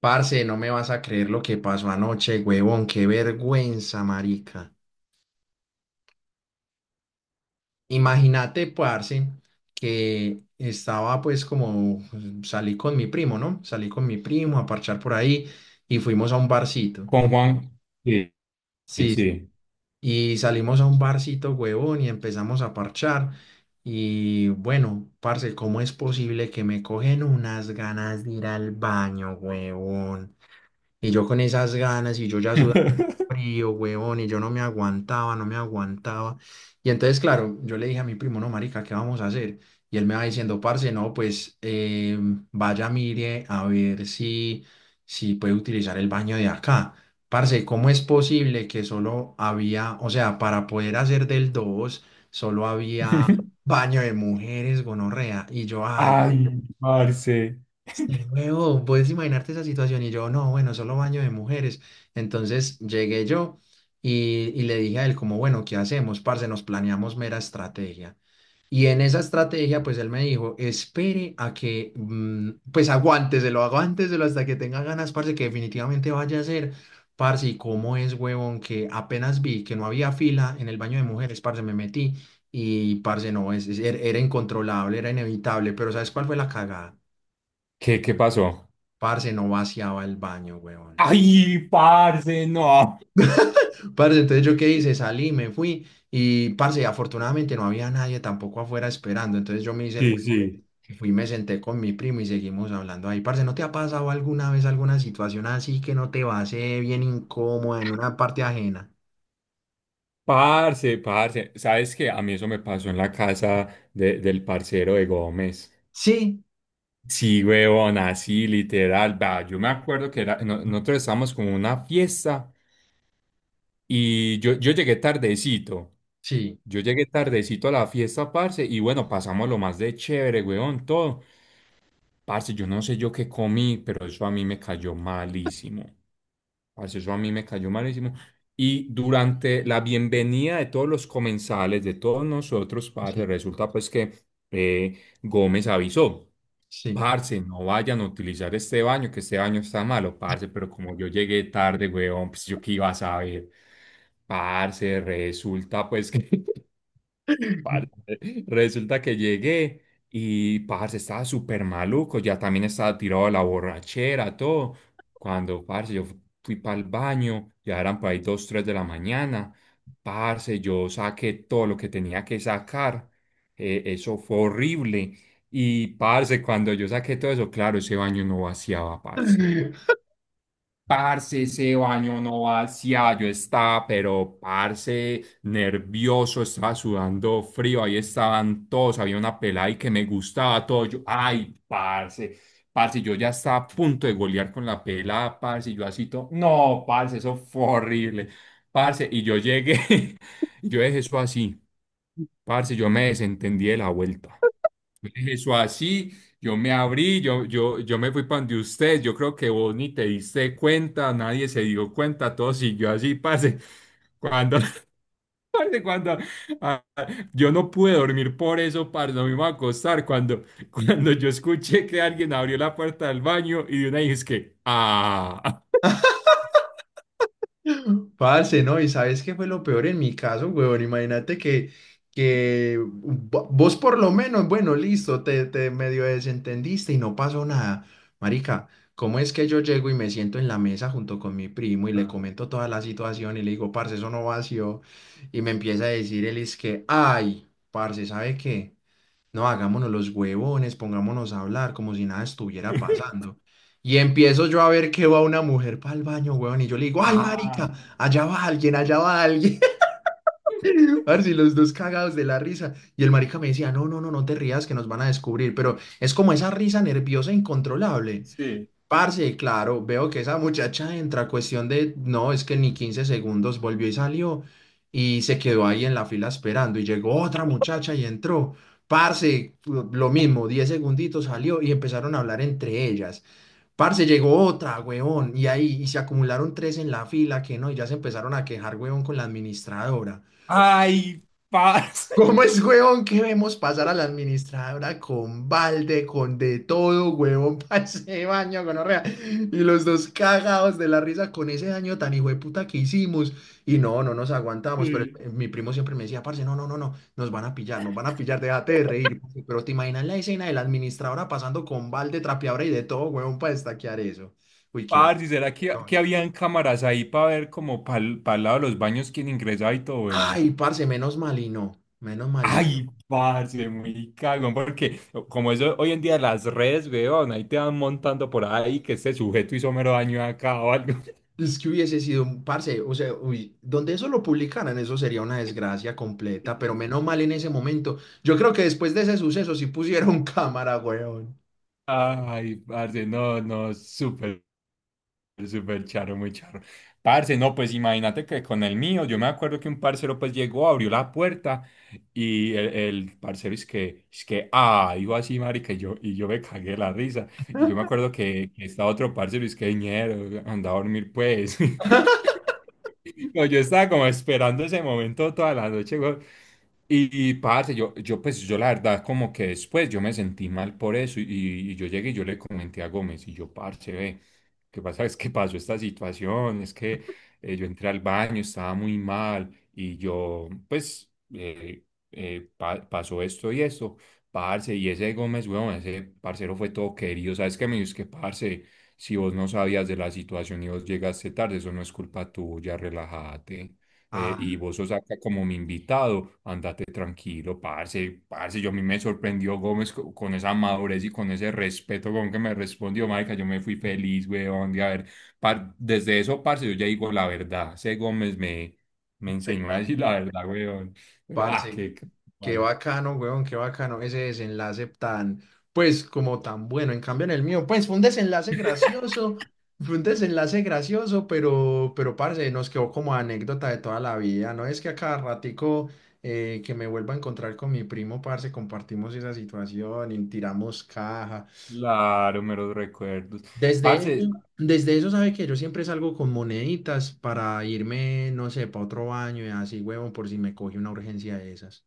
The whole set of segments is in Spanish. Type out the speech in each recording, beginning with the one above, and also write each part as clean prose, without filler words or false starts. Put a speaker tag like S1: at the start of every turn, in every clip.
S1: Parce, no me vas a creer lo que pasó anoche, huevón, qué vergüenza, marica. Imagínate, parce, que estaba pues como salí con mi primo, ¿no? Salí con mi primo a parchar por ahí y fuimos a un barcito.
S2: Con Juan. Y
S1: Sí, sí.
S2: sí.
S1: Y salimos a un barcito, huevón, y empezamos a parchar. Y bueno, parce, ¿cómo es posible que me cogen unas ganas de ir al baño, huevón? Y yo con esas ganas y yo ya sudando frío, huevón, y yo no me aguantaba, no me aguantaba. Y entonces, claro, yo le dije a mi primo, no, marica, ¿qué vamos a hacer? Y él me va diciendo, parce, no, pues vaya, mire, a ver si puede utilizar el baño de acá. Parce, ¿cómo es posible que solo había, o sea, para poder hacer del 2 solo había baño de mujeres, gonorrea? Y yo, ay,
S2: Ay, parce.
S1: sí, huevón, puedes imaginarte esa situación y yo, no, bueno, solo baño de mujeres. Entonces llegué yo y, y le dije a él como, bueno, ¿qué hacemos, parce? Nos planeamos mera estrategia. Y en esa estrategia, pues él me dijo, espere a que, pues aguánteselo, aguánteselo hasta que tenga ganas, parce, que definitivamente vaya a ser. Parce, ¿y cómo es, huevón? Que apenas vi que no había fila en el baño de mujeres, parce, me metí y, parce, no, era incontrolable, era inevitable, pero ¿sabes cuál fue la cagada?
S2: ¿Qué pasó?
S1: Parce, no vaciaba el baño, weón.
S2: Ay, parce, no.
S1: Parce, entonces yo qué hice, salí, me fui y, parce, afortunadamente no había nadie tampoco afuera esperando. Entonces yo me hice el weón
S2: Sí, sí.
S1: y fui, me senté con mi primo y seguimos hablando ahí. Parce, ¿no te ha pasado alguna vez alguna situación así que no te va a hacer bien incómoda en una parte ajena?
S2: Parce, parce. ¿Sabes qué? A mí eso me pasó en la casa del parcero de Gómez.
S1: Sí,
S2: Sí, huevón, así, literal. Va, yo me acuerdo que era, no- nosotros estábamos como en una fiesta y yo llegué tardecito.
S1: sí,
S2: Yo llegué tardecito a la fiesta, parce, y bueno, pasamos lo más de chévere, huevón, todo. Parce, yo no sé yo qué comí, pero eso a mí me cayó malísimo. Parce, eso a mí me cayó malísimo. Y durante la bienvenida de todos los comensales, de todos nosotros, parce,
S1: sí,
S2: resulta pues que Gómez avisó,
S1: sí.
S2: parce, no vayan a utilizar este baño, que este baño está malo, parce, pero como yo llegué tarde, weón, pues yo qué iba a saber. Parce, resulta pues que Parce, resulta que llegué y parce estaba súper maluco, ya también estaba tirado de la borrachera, todo. Cuando parce yo fui para el baño, ya eran por ahí dos, tres de la mañana. Parce, yo saqué todo lo que tenía que sacar. Eso fue horrible. Y parce, cuando yo saqué todo eso, claro, ese baño no vaciaba, parce. Parce, ese baño no vacía, yo estaba, pero parce, nervioso, estaba sudando frío, ahí estaban todos, había una pelada y que me gustaba todo, yo, ay, parce, parce, yo ya estaba a punto de golear con la pelada, parce, y yo así todo, no, parce, eso fue horrible, parce, y yo llegué, y yo dejé eso así, parce, yo me desentendí de la vuelta. Yo dejé eso así, yo me abrí, yo me fui para donde usted, yo creo que vos ni te diste cuenta, nadie se dio cuenta, todo siguió así, pase. Cuando, parce, cuando ah, yo no pude dormir por eso, parce, no me iba a acostar. Cuando, cuando yo escuché que alguien abrió la puerta del baño y de una dije, es que.
S1: Parce, ¿no? ¿Y sabes qué fue lo peor en mi caso, huevón? Imagínate que vos por lo menos, bueno, listo, te medio desentendiste y no pasó nada. Marica, ¿cómo es que yo llego y me siento en la mesa junto con mi primo y le
S2: Ah.
S1: comento toda la situación y le digo, parce, eso no vació? Y me empieza a decir él es que, ay, parce, ¿sabe qué? No, hagámonos los huevones, pongámonos a hablar como si nada estuviera pasando. Y empiezo yo a ver que va una mujer para el baño, huevón, y yo le digo, ay,
S2: Ah,
S1: marica, allá va alguien, allá va alguien. Parce, y los dos cagados de la risa. Y el marica me decía, no, no, no, no te rías que nos van a descubrir. Pero es como esa risa nerviosa incontrolable.
S2: sí.
S1: Parce, claro, veo que esa muchacha entra a cuestión de, no, es que ni 15 segundos volvió y salió y se quedó ahí en la fila esperando y llegó otra muchacha y entró. Parce, lo mismo, 10 segunditos salió y empezaron a hablar entre ellas. Parce, llegó otra, huevón, y ahí y se acumularon tres en la fila que no, y ya se empezaron a quejar, huevón, con la administradora.
S2: Ay, parce.
S1: ¿Cómo es, huevón, que vemos pasar a la administradora con balde, con de todo, huevón, para ese baño, gonorrea? Y los dos cagados de la risa con ese daño tan hijo de puta que hicimos. Y no, no nos aguantamos, pero mi primo siempre me decía, parce, no, no, no, no, nos van a pillar, nos van a pillar, déjate de reír. Parce". Pero te imaginas la escena de la administradora pasando con balde, trapeadora y de todo, huevón, para destaquear eso. Uy, qué
S2: Parce, ¿será que
S1: vergüenza.
S2: habían cámaras ahí para ver como para el lado de los baños quién ingresaba y todo eso?
S1: Ay, parce, menos mal y no, menos mal y no.
S2: Ay, parce, muy cagón, porque como eso hoy en día las redes, weón, ahí te van montando por ahí que este sujeto hizo mero daño acá o algo.
S1: Es que hubiese sido un parce, o sea, uy, donde eso lo publicaran, eso sería una desgracia completa, pero menos mal en ese momento. Yo creo que después de ese suceso sí pusieron cámara, weón.
S2: Ay, parce, no, no, Súper charro, muy charro. Parce, no, pues imagínate que con el mío, yo me acuerdo que un parcero pues llegó, abrió la puerta y el parcero es que, iba así, marica, y yo me cagué la risa. Y yo me acuerdo que estaba otro parcero y es que, ñero, anda a dormir pues. No, yo estaba como esperando ese momento toda la noche, weón. Y, parce, yo pues yo la verdad como que después yo me sentí mal por eso y yo llegué y yo le comenté a Gómez y yo, parce, ve. ¿Qué pasa? Es que pasó esta situación, es que yo entré al baño, estaba muy mal y yo, pues, pasó esto y esto, parce, y ese Gómez, weón, ese parcero fue todo querido, ¿sabes qué? Me dijo, es que, parce, si vos no sabías de la situación y vos llegaste tarde, eso no es culpa tuya, relájate y
S1: Ah,
S2: vos sos acá como mi invitado, andate tranquilo, parce, parce, yo a mí me sorprendió Gómez con, esa madurez y con ese respeto con que me respondió, marica, yo me fui feliz, weón, de haber, desde eso, parce, yo ya digo la verdad, ese Gómez me,
S1: te
S2: enseñó a decir
S1: cambio.
S2: la verdad, weón, pero, ah,
S1: Parce,
S2: qué, qué-
S1: qué bacano, weón, qué bacano ese desenlace tan, pues, como tan bueno. En cambio, en el mío, pues, fue un desenlace gracioso, fue un desenlace gracioso, pero, parce, nos quedó como anécdota de toda la vida. No es que a cada ratico que me vuelva a encontrar con mi primo, parce, compartimos esa situación y tiramos caja.
S2: Claro, meros recuerdos, parce.
S1: Desde eso, sabe que yo siempre salgo con moneditas para irme, no sé, para otro baño y así, huevón, por si me coge una urgencia de esas.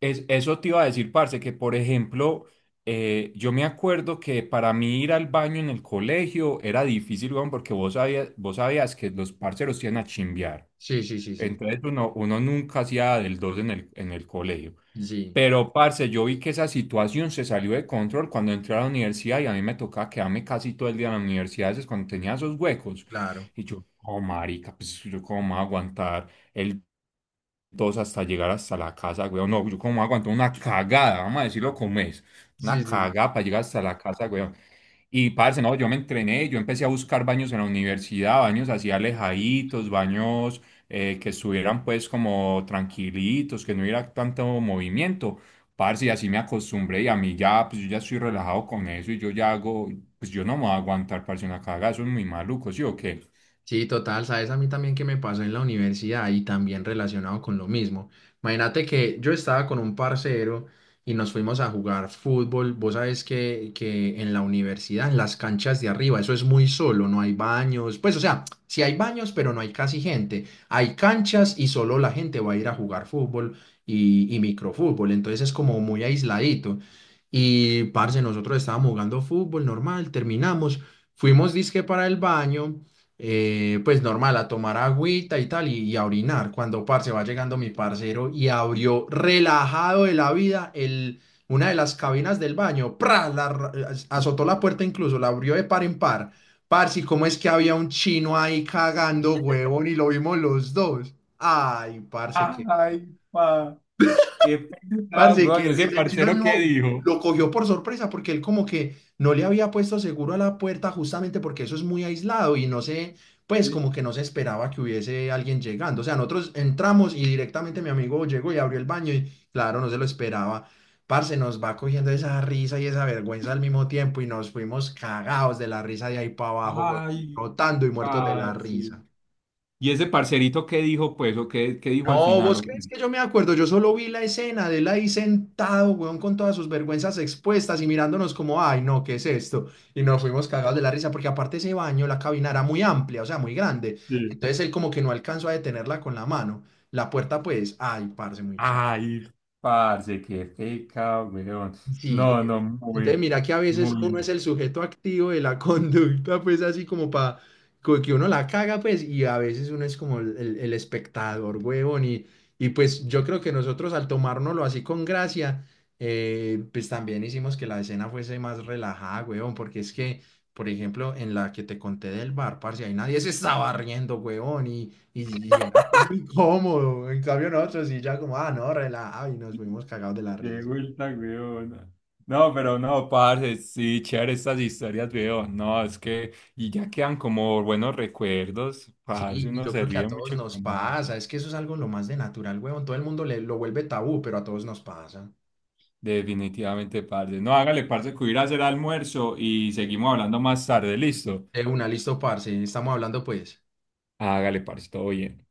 S2: Eso te iba a decir, parce, que por ejemplo, yo me acuerdo que para mí ir al baño en el colegio era difícil, weón, porque vos sabías que los parceros iban a chimbear.
S1: Sí, sí, sí, sí.
S2: Entonces uno nunca hacía del dos en el colegio.
S1: Sí.
S2: Pero, parce, yo vi que esa situación se salió de control cuando entré a la universidad y a mí me tocaba quedarme casi todo el día en la universidad, es cuando tenía esos huecos.
S1: Claro.
S2: Y yo, oh, marica, pues yo cómo me voy a aguantar el todos hasta llegar hasta la casa, weón. No, yo como aguanto una cagada, vamos a decirlo
S1: Ah,
S2: como es. Una
S1: sí, sí, sí.
S2: cagada para llegar hasta la casa, weón. Y parce, no, yo me entrené, yo empecé a buscar baños en la universidad, baños así alejaditos, baños que estuvieran pues como tranquilitos, que no hubiera tanto movimiento. Parce, y así me acostumbré y a mí ya, pues yo ya estoy relajado con eso y yo ya hago, pues yo no me voy a aguantar, parce, una cagada, eso es muy maluco, ¿sí o qué?
S1: Sí, total, sabes a mí también que me pasó en la universidad y también relacionado con lo mismo. Imagínate que yo estaba con un parcero y nos fuimos a jugar fútbol. Vos sabés que en la universidad, en las canchas de arriba, eso es muy solo, no hay baños. Pues o sea, sí hay baños, pero no hay casi gente. Hay canchas y solo la gente va a ir a jugar fútbol y microfútbol. Entonces es como muy aisladito. Y parce, nosotros estábamos jugando fútbol normal, terminamos, fuimos disque para el baño pues normal, a tomar agüita y tal, y a orinar. Cuando, parce, va llegando mi parcero y abrió relajado de la vida una de las cabinas del baño, ¡pra! Azotó la puerta incluso, la abrió de par en par. Parce, ¿y cómo es que había un chino ahí cagando, huevón, y lo vimos los dos? Ay, parce, qué...
S2: Ay, pa, qué pecado,
S1: Parce, qué
S2: coño. Ese
S1: risa. El chino
S2: parcero que
S1: mismo
S2: dijo.
S1: lo cogió por sorpresa porque él como que no le había puesto seguro a la puerta justamente porque eso es muy aislado y no sé, pues
S2: Sí.
S1: como que no se esperaba que hubiese alguien llegando. O sea, nosotros entramos y directamente mi amigo llegó y abrió el baño y claro, no se lo esperaba. Parce, nos va cogiendo esa risa y esa vergüenza al mismo tiempo y nos fuimos cagados de la risa de ahí para abajo, güey,
S2: Ay,
S1: rotando y muertos de la
S2: ay, sí.
S1: risa.
S2: ¿Y ese parcerito qué dijo, pues, o qué dijo al
S1: No,
S2: final?
S1: ¿vos
S2: ¿O
S1: crees
S2: qué?
S1: que yo me acuerdo? Yo solo vi la escena de él ahí sentado, weón, con todas sus vergüenzas expuestas y mirándonos como, ay, no, ¿qué es esto? Y nos fuimos cagados de la risa porque aparte ese baño, la cabina era muy amplia, o sea, muy grande.
S2: Sí.
S1: Entonces él como que no alcanzó a detenerla con la mano. La puerta, pues, ay, parce, muy chato.
S2: Ay, parce, qué feca, weón.
S1: Sí, güey.
S2: No, no,
S1: Entonces,
S2: muy,
S1: mira que a veces uno es
S2: muy,
S1: el sujeto activo de la conducta, pues así como para que uno la caga, pues, y a veces uno es como el espectador, huevón. Y pues yo creo que nosotros al tomárnoslo así con gracia, pues también hicimos que la escena fuese más relajada, huevón, porque es que, por ejemplo, en la que te conté del bar, parce, ahí nadie se estaba riendo, huevón, y era como incómodo. En cambio, nosotros sí ya como, ah, no, relajado, y nos fuimos cagados de la
S2: qué
S1: risa.
S2: vuelta, weón. No, pero no, parce, sí, chévere estas historias, weón. No, es que, y ya quedan como buenos recuerdos,
S1: Sí,
S2: parce,
S1: y
S2: uno
S1: yo
S2: se
S1: creo que a
S2: ríe
S1: todos
S2: mucho
S1: nos
S2: con eso.
S1: pasa, es que eso es algo lo más de natural, huevón, todo el mundo le, lo vuelve tabú, pero a todos nos pasa.
S2: Definitivamente, parce. No, hágale, parce, que voy a ir a hacer almuerzo y seguimos hablando más tarde, listo.
S1: De una, listo, parce, estamos hablando pues.
S2: Hágale, parce, todo bien.